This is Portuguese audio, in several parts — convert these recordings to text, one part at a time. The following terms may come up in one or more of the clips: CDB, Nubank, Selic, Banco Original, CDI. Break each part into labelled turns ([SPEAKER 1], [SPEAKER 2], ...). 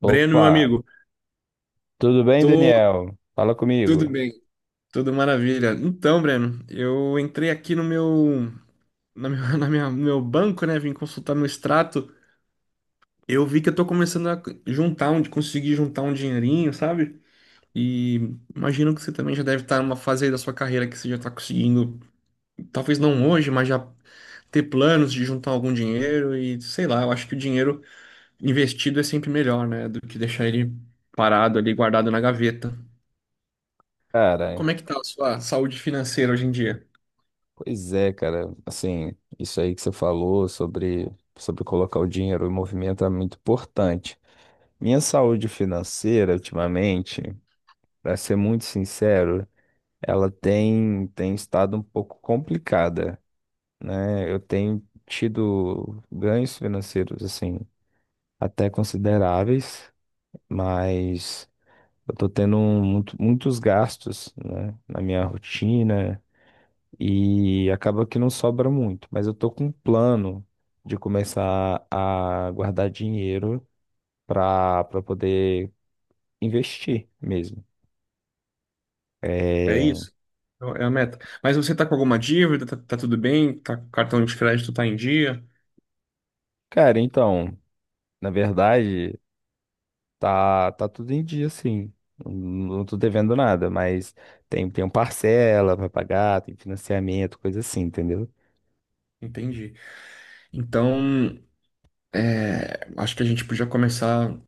[SPEAKER 1] Breno, meu
[SPEAKER 2] Opa,
[SPEAKER 1] amigo,
[SPEAKER 2] tudo bem,
[SPEAKER 1] tô
[SPEAKER 2] Daniel? Fala
[SPEAKER 1] tudo
[SPEAKER 2] comigo.
[SPEAKER 1] bem, tudo maravilha. Então, Breno, eu entrei aqui no meu, na minha, no meu banco, né? Vim consultar meu extrato. Eu vi que eu tô começando a juntar, onde conseguir juntar um dinheirinho, sabe? E imagino que você também já deve estar numa fase aí da sua carreira que você já tá conseguindo, talvez não hoje, mas já ter planos de juntar algum dinheiro e sei lá, eu acho que o dinheiro investido é sempre melhor, né? Do que deixar ele parado ali, guardado na gaveta.
[SPEAKER 2] Cara,
[SPEAKER 1] Como é que tá a sua saúde financeira hoje em dia?
[SPEAKER 2] pois é, cara. Assim, isso aí que você falou sobre colocar o dinheiro em movimento é muito importante. Minha saúde financeira, ultimamente, para ser muito sincero, ela tem estado um pouco complicada, né? Eu tenho tido ganhos financeiros, assim, até consideráveis, mas. Eu tô tendo muitos gastos, né, na minha rotina, e acaba que não sobra muito, mas eu tô com um plano de começar a guardar dinheiro para poder investir mesmo.
[SPEAKER 1] É
[SPEAKER 2] É,
[SPEAKER 1] isso? É a meta. Mas você tá com alguma dívida? Tá, tá tudo bem? Tá, com cartão de crédito tá em dia?
[SPEAKER 2] cara, então, na verdade, tá tudo em dia assim. Não tô devendo nada, mas tem um parcela para pagar, tem financiamento, coisa assim, entendeu?
[SPEAKER 1] Entendi. Então, é, acho que a gente podia começar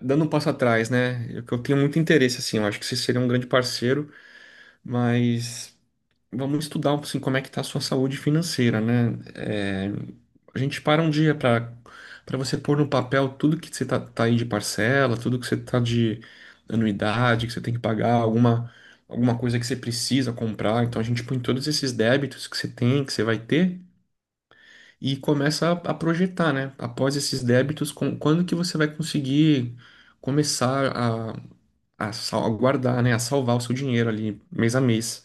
[SPEAKER 1] dando um passo atrás, né? Eu tenho muito interesse, assim. Eu acho que você seria um grande parceiro, mas vamos estudar assim, como é que está a sua saúde financeira, né? É, a gente para um dia para você pôr no papel tudo que você tá, tá aí de parcela, tudo que você tá de anuidade, que você tem que pagar, alguma coisa que você precisa comprar. Então a gente põe todos esses débitos que você tem, que você vai ter, e começa a projetar, né? Após esses débitos, quando que você vai conseguir começar a guardar, né? A salvar o seu dinheiro ali mês a mês.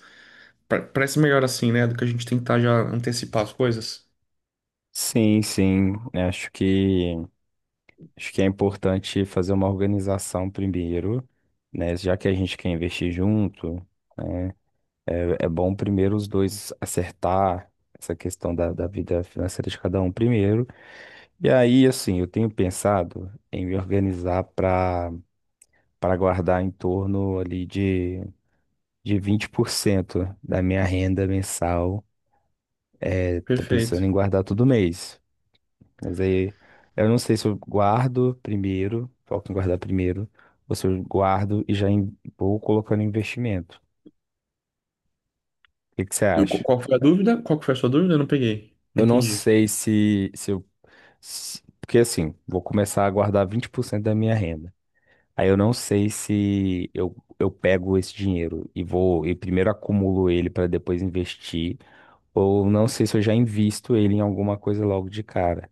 [SPEAKER 1] Parece melhor assim, né? Do que a gente tentar já antecipar as coisas.
[SPEAKER 2] Sim, sim. Acho que. Acho que é importante fazer uma organização primeiro, né? Já que a gente quer investir junto, né? É bom primeiro os dois acertar essa questão da vida financeira de cada um primeiro. E aí, assim, eu tenho pensado em me organizar para guardar em torno ali de 20% da minha renda mensal. Estou pensando em
[SPEAKER 1] Perfeito.
[SPEAKER 2] guardar todo mês. Mas aí eu não sei se eu guardo primeiro, foco em guardar primeiro, ou se eu guardo e já vou colocando investimento. O que que você acha?
[SPEAKER 1] Qual foi a dúvida? Qual que foi a sua dúvida? Eu não peguei. Não
[SPEAKER 2] Eu não
[SPEAKER 1] entendi.
[SPEAKER 2] sei se eu. Porque assim, vou começar a guardar 20% da minha renda. Aí eu não sei se eu pego esse dinheiro e vou e primeiro acumulo ele para depois investir, ou não sei se eu já invisto ele em alguma coisa logo de cara.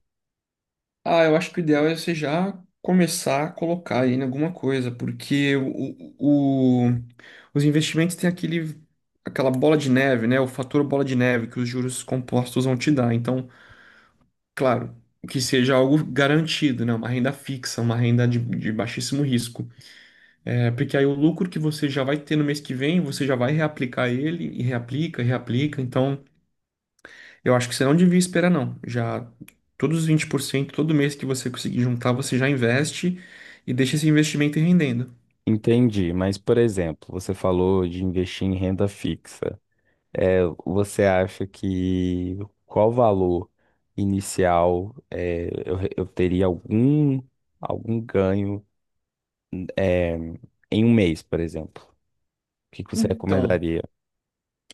[SPEAKER 1] Ah, eu acho que o ideal é você já começar a colocar aí em alguma coisa, porque o- o- os investimentos têm aquela bola de neve, né? O fator bola de neve que os juros compostos vão te dar. Então, claro, que seja algo garantido, né? Uma renda fixa, uma renda de baixíssimo risco. É, porque aí o lucro que você já vai ter no mês que vem, você já vai reaplicar ele e reaplica, reaplica. Então, eu acho que você não devia esperar, não. Já todos os 20% todo mês que você conseguir juntar, você já investe e deixa esse investimento ir rendendo.
[SPEAKER 2] Entendi, mas por exemplo, você falou de investir em renda fixa. É, você acha que qual valor inicial eu teria algum ganho é, em um mês, por exemplo? O que que você
[SPEAKER 1] Então,
[SPEAKER 2] recomendaria?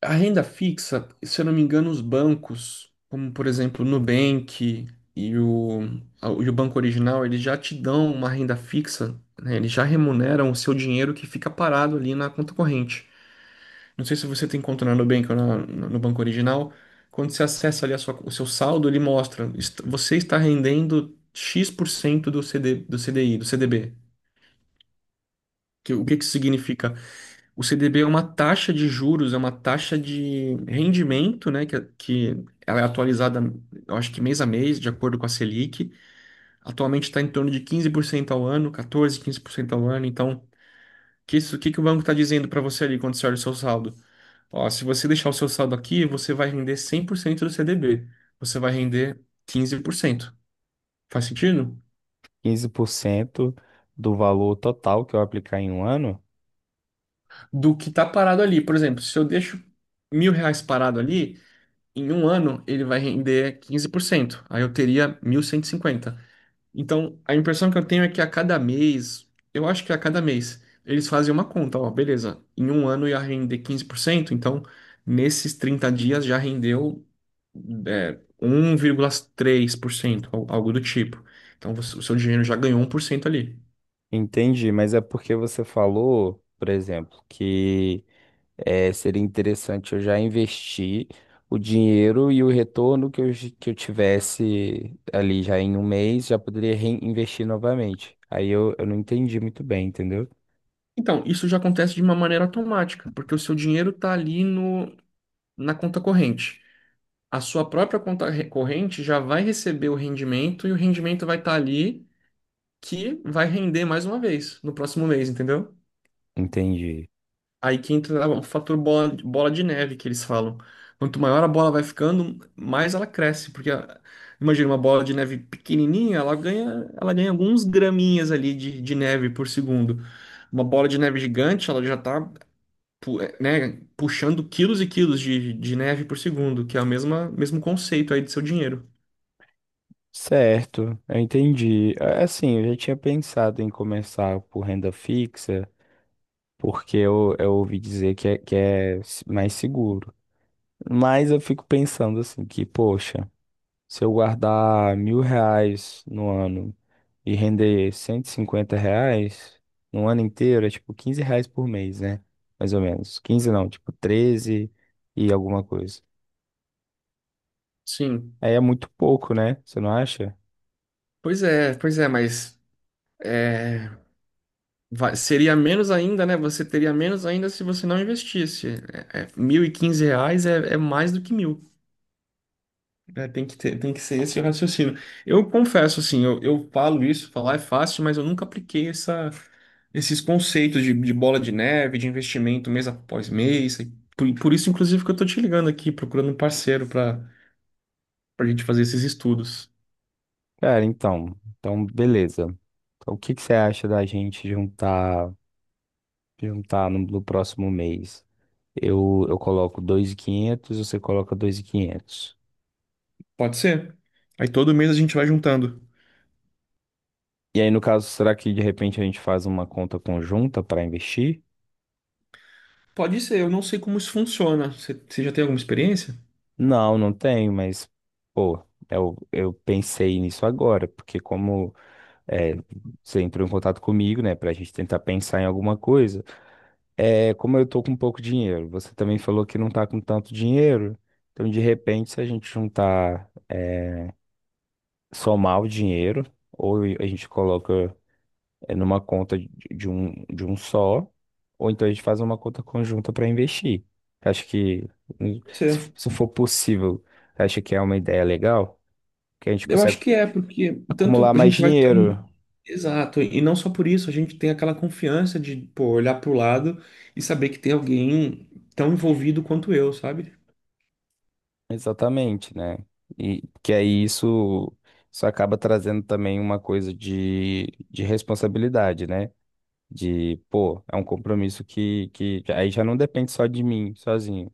[SPEAKER 1] a renda fixa, se eu não me engano, os bancos, como por exemplo o Nubank e o Banco Original, eles já te dão uma renda fixa, né? Eles já remuneram o seu dinheiro que fica parado ali na conta corrente. Não sei se você tem conta na Nubank no no banco original. Quando você acessa ali o seu saldo, ele mostra, você está rendendo X% do CD, do CDI, do CDB. O que que isso significa? O CDB é uma taxa de juros, é uma taxa de rendimento, né, que, é, que ela é atualizada, eu acho que mês a mês, de acordo com a Selic. Atualmente está em torno de 15% ao ano, 14, 15% ao ano. Então, que isso, o que que o banco está dizendo para você ali quando você olha o seu saldo? Ó, se você deixar o seu saldo aqui, você vai render 100% do CDB. Você vai render 15%. Faz sentido?
[SPEAKER 2] 15% do valor total que eu aplicar em um ano?
[SPEAKER 1] Do que tá parado ali. Por exemplo, se eu deixo 1.000 reais parado ali, em um ano ele vai render 15%. Aí eu teria 1.150. Então, a impressão que eu tenho é que a cada mês, eu acho que a cada mês, eles fazem uma conta, ó, beleza, em um ano ia render 15%, então nesses 30 dias já rendeu é, 1,3%, algo do tipo. Então, o seu dinheiro já ganhou 1% ali.
[SPEAKER 2] Entendi, mas é porque você falou, por exemplo, que seria interessante eu já investir o dinheiro e o retorno que eu tivesse ali já em um mês, já poderia reinvestir novamente. Aí eu não entendi muito bem, entendeu?
[SPEAKER 1] Então, isso já acontece de uma maneira automática, porque o seu dinheiro está ali no, na conta corrente. A sua própria conta corrente já vai receber o rendimento e o rendimento vai estar ali que vai render mais uma vez no próximo mês, entendeu?
[SPEAKER 2] Entendi.
[SPEAKER 1] Aí que entra o fator bola de neve que eles falam. Quanto maior a bola vai ficando, mais ela cresce, porque imagina uma bola de neve pequenininha, ela ganha alguns graminhas ali de neve por segundo. Uma bola de neve gigante, ela já tá, né, puxando quilos e quilos de neve por segundo, que é mesmo conceito aí de seu dinheiro.
[SPEAKER 2] Certo, eu entendi. Assim, eu já tinha pensado em começar por renda fixa, porque eu ouvi dizer que é, mais seguro. Mas eu fico pensando assim, que, poxa. Se eu guardar 1.000 reais no ano e render 150 reais no ano inteiro, é tipo 15 reais por mês, né? Mais ou menos, 15 não, tipo 13 e alguma coisa.
[SPEAKER 1] Sim.
[SPEAKER 2] Aí é muito pouco, né? Você não acha?
[SPEAKER 1] Pois é, mas é, seria menos ainda, né? Você teria menos ainda se você não investisse. É, é, 1.015 reais é, é mais do que mil. É, tem que ter, tem que ser esse o raciocínio. Eu confesso, assim, eu falo isso, falar é fácil, mas eu nunca apliquei esses conceitos de bola de neve, de investimento mês após mês. E Por isso, inclusive, que eu tô te ligando aqui, procurando um parceiro para a gente fazer esses estudos.
[SPEAKER 2] Cara, então. Então, beleza. Então, o que que você acha da gente juntar no próximo mês? Eu coloco 2.500, você coloca 2.500.
[SPEAKER 1] Pode ser? Aí todo mês a gente vai juntando.
[SPEAKER 2] E aí, no caso, será que de repente a gente faz uma conta conjunta para investir?
[SPEAKER 1] Pode ser, eu não sei como isso funciona. Você já tem alguma experiência?
[SPEAKER 2] Não, não tenho, mas, pô, eu pensei nisso agora, porque como é, você entrou em contato comigo, né, pra gente tentar pensar em alguma coisa, como eu tô com pouco dinheiro, você também falou que não tá com tanto dinheiro, então de repente se a gente juntar, somar o dinheiro, ou a gente coloca numa conta de um só, ou então a gente faz uma conta conjunta pra investir. Acho que, hum,
[SPEAKER 1] Pode
[SPEAKER 2] se
[SPEAKER 1] ser.
[SPEAKER 2] se for possível, acha que é uma ideia legal? Que a gente
[SPEAKER 1] Eu acho
[SPEAKER 2] consegue
[SPEAKER 1] que é, porque tanto
[SPEAKER 2] acumular
[SPEAKER 1] a
[SPEAKER 2] mais
[SPEAKER 1] gente vai ter
[SPEAKER 2] dinheiro.
[SPEAKER 1] um. Exato, e não só por isso, a gente tem aquela confiança de, pô, olhar pro lado e saber que tem alguém tão envolvido quanto eu, sabe?
[SPEAKER 2] Exatamente, né? E que aí isso acaba trazendo também uma coisa de responsabilidade, né? De, pô, é um compromisso que aí já não depende só de mim, sozinho,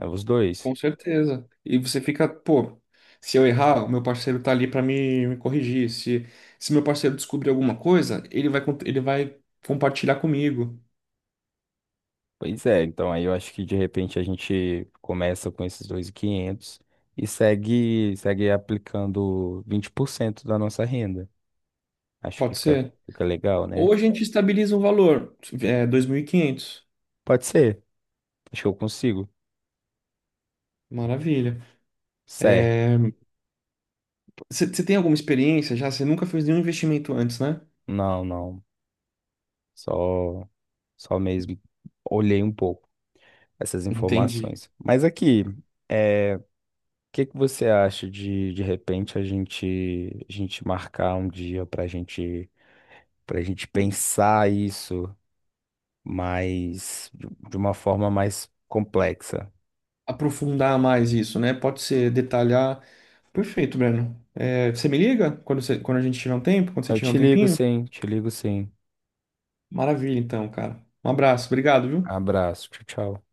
[SPEAKER 2] é os dois.
[SPEAKER 1] Com certeza. E você fica, pô, se eu errar, o meu parceiro tá ali pra me corrigir. Se meu parceiro descobrir alguma coisa, ele vai, ele vai compartilhar comigo.
[SPEAKER 2] Pois é, então aí eu acho que de repente a gente começa com esses 2.500 e quinhentos e segue aplicando 20% da nossa renda. Acho que
[SPEAKER 1] Pode
[SPEAKER 2] fica,
[SPEAKER 1] ser?
[SPEAKER 2] fica legal, né?
[SPEAKER 1] Ou a gente estabiliza um valor, é, 2.500.
[SPEAKER 2] Pode ser, acho que eu consigo.
[SPEAKER 1] Maravilha.
[SPEAKER 2] Certo.
[SPEAKER 1] É, você tem alguma experiência já? Você nunca fez nenhum investimento antes, né?
[SPEAKER 2] Não, não. Só, só mesmo olhei um pouco essas
[SPEAKER 1] Entendi.
[SPEAKER 2] informações. Mas aqui, o que que você acha de repente a gente marcar um dia para gente pensar isso mais de uma forma mais complexa?
[SPEAKER 1] Aprofundar mais isso, né? Pode ser detalhar. Perfeito, Breno. É, você me liga quando, você, quando a gente tiver um tempo, quando você
[SPEAKER 2] Eu
[SPEAKER 1] tiver um
[SPEAKER 2] te ligo,
[SPEAKER 1] tempinho?
[SPEAKER 2] sim. Te ligo, sim.
[SPEAKER 1] Maravilha, então, cara. Um abraço, obrigado, viu?
[SPEAKER 2] Abraço. Tchau, tchau.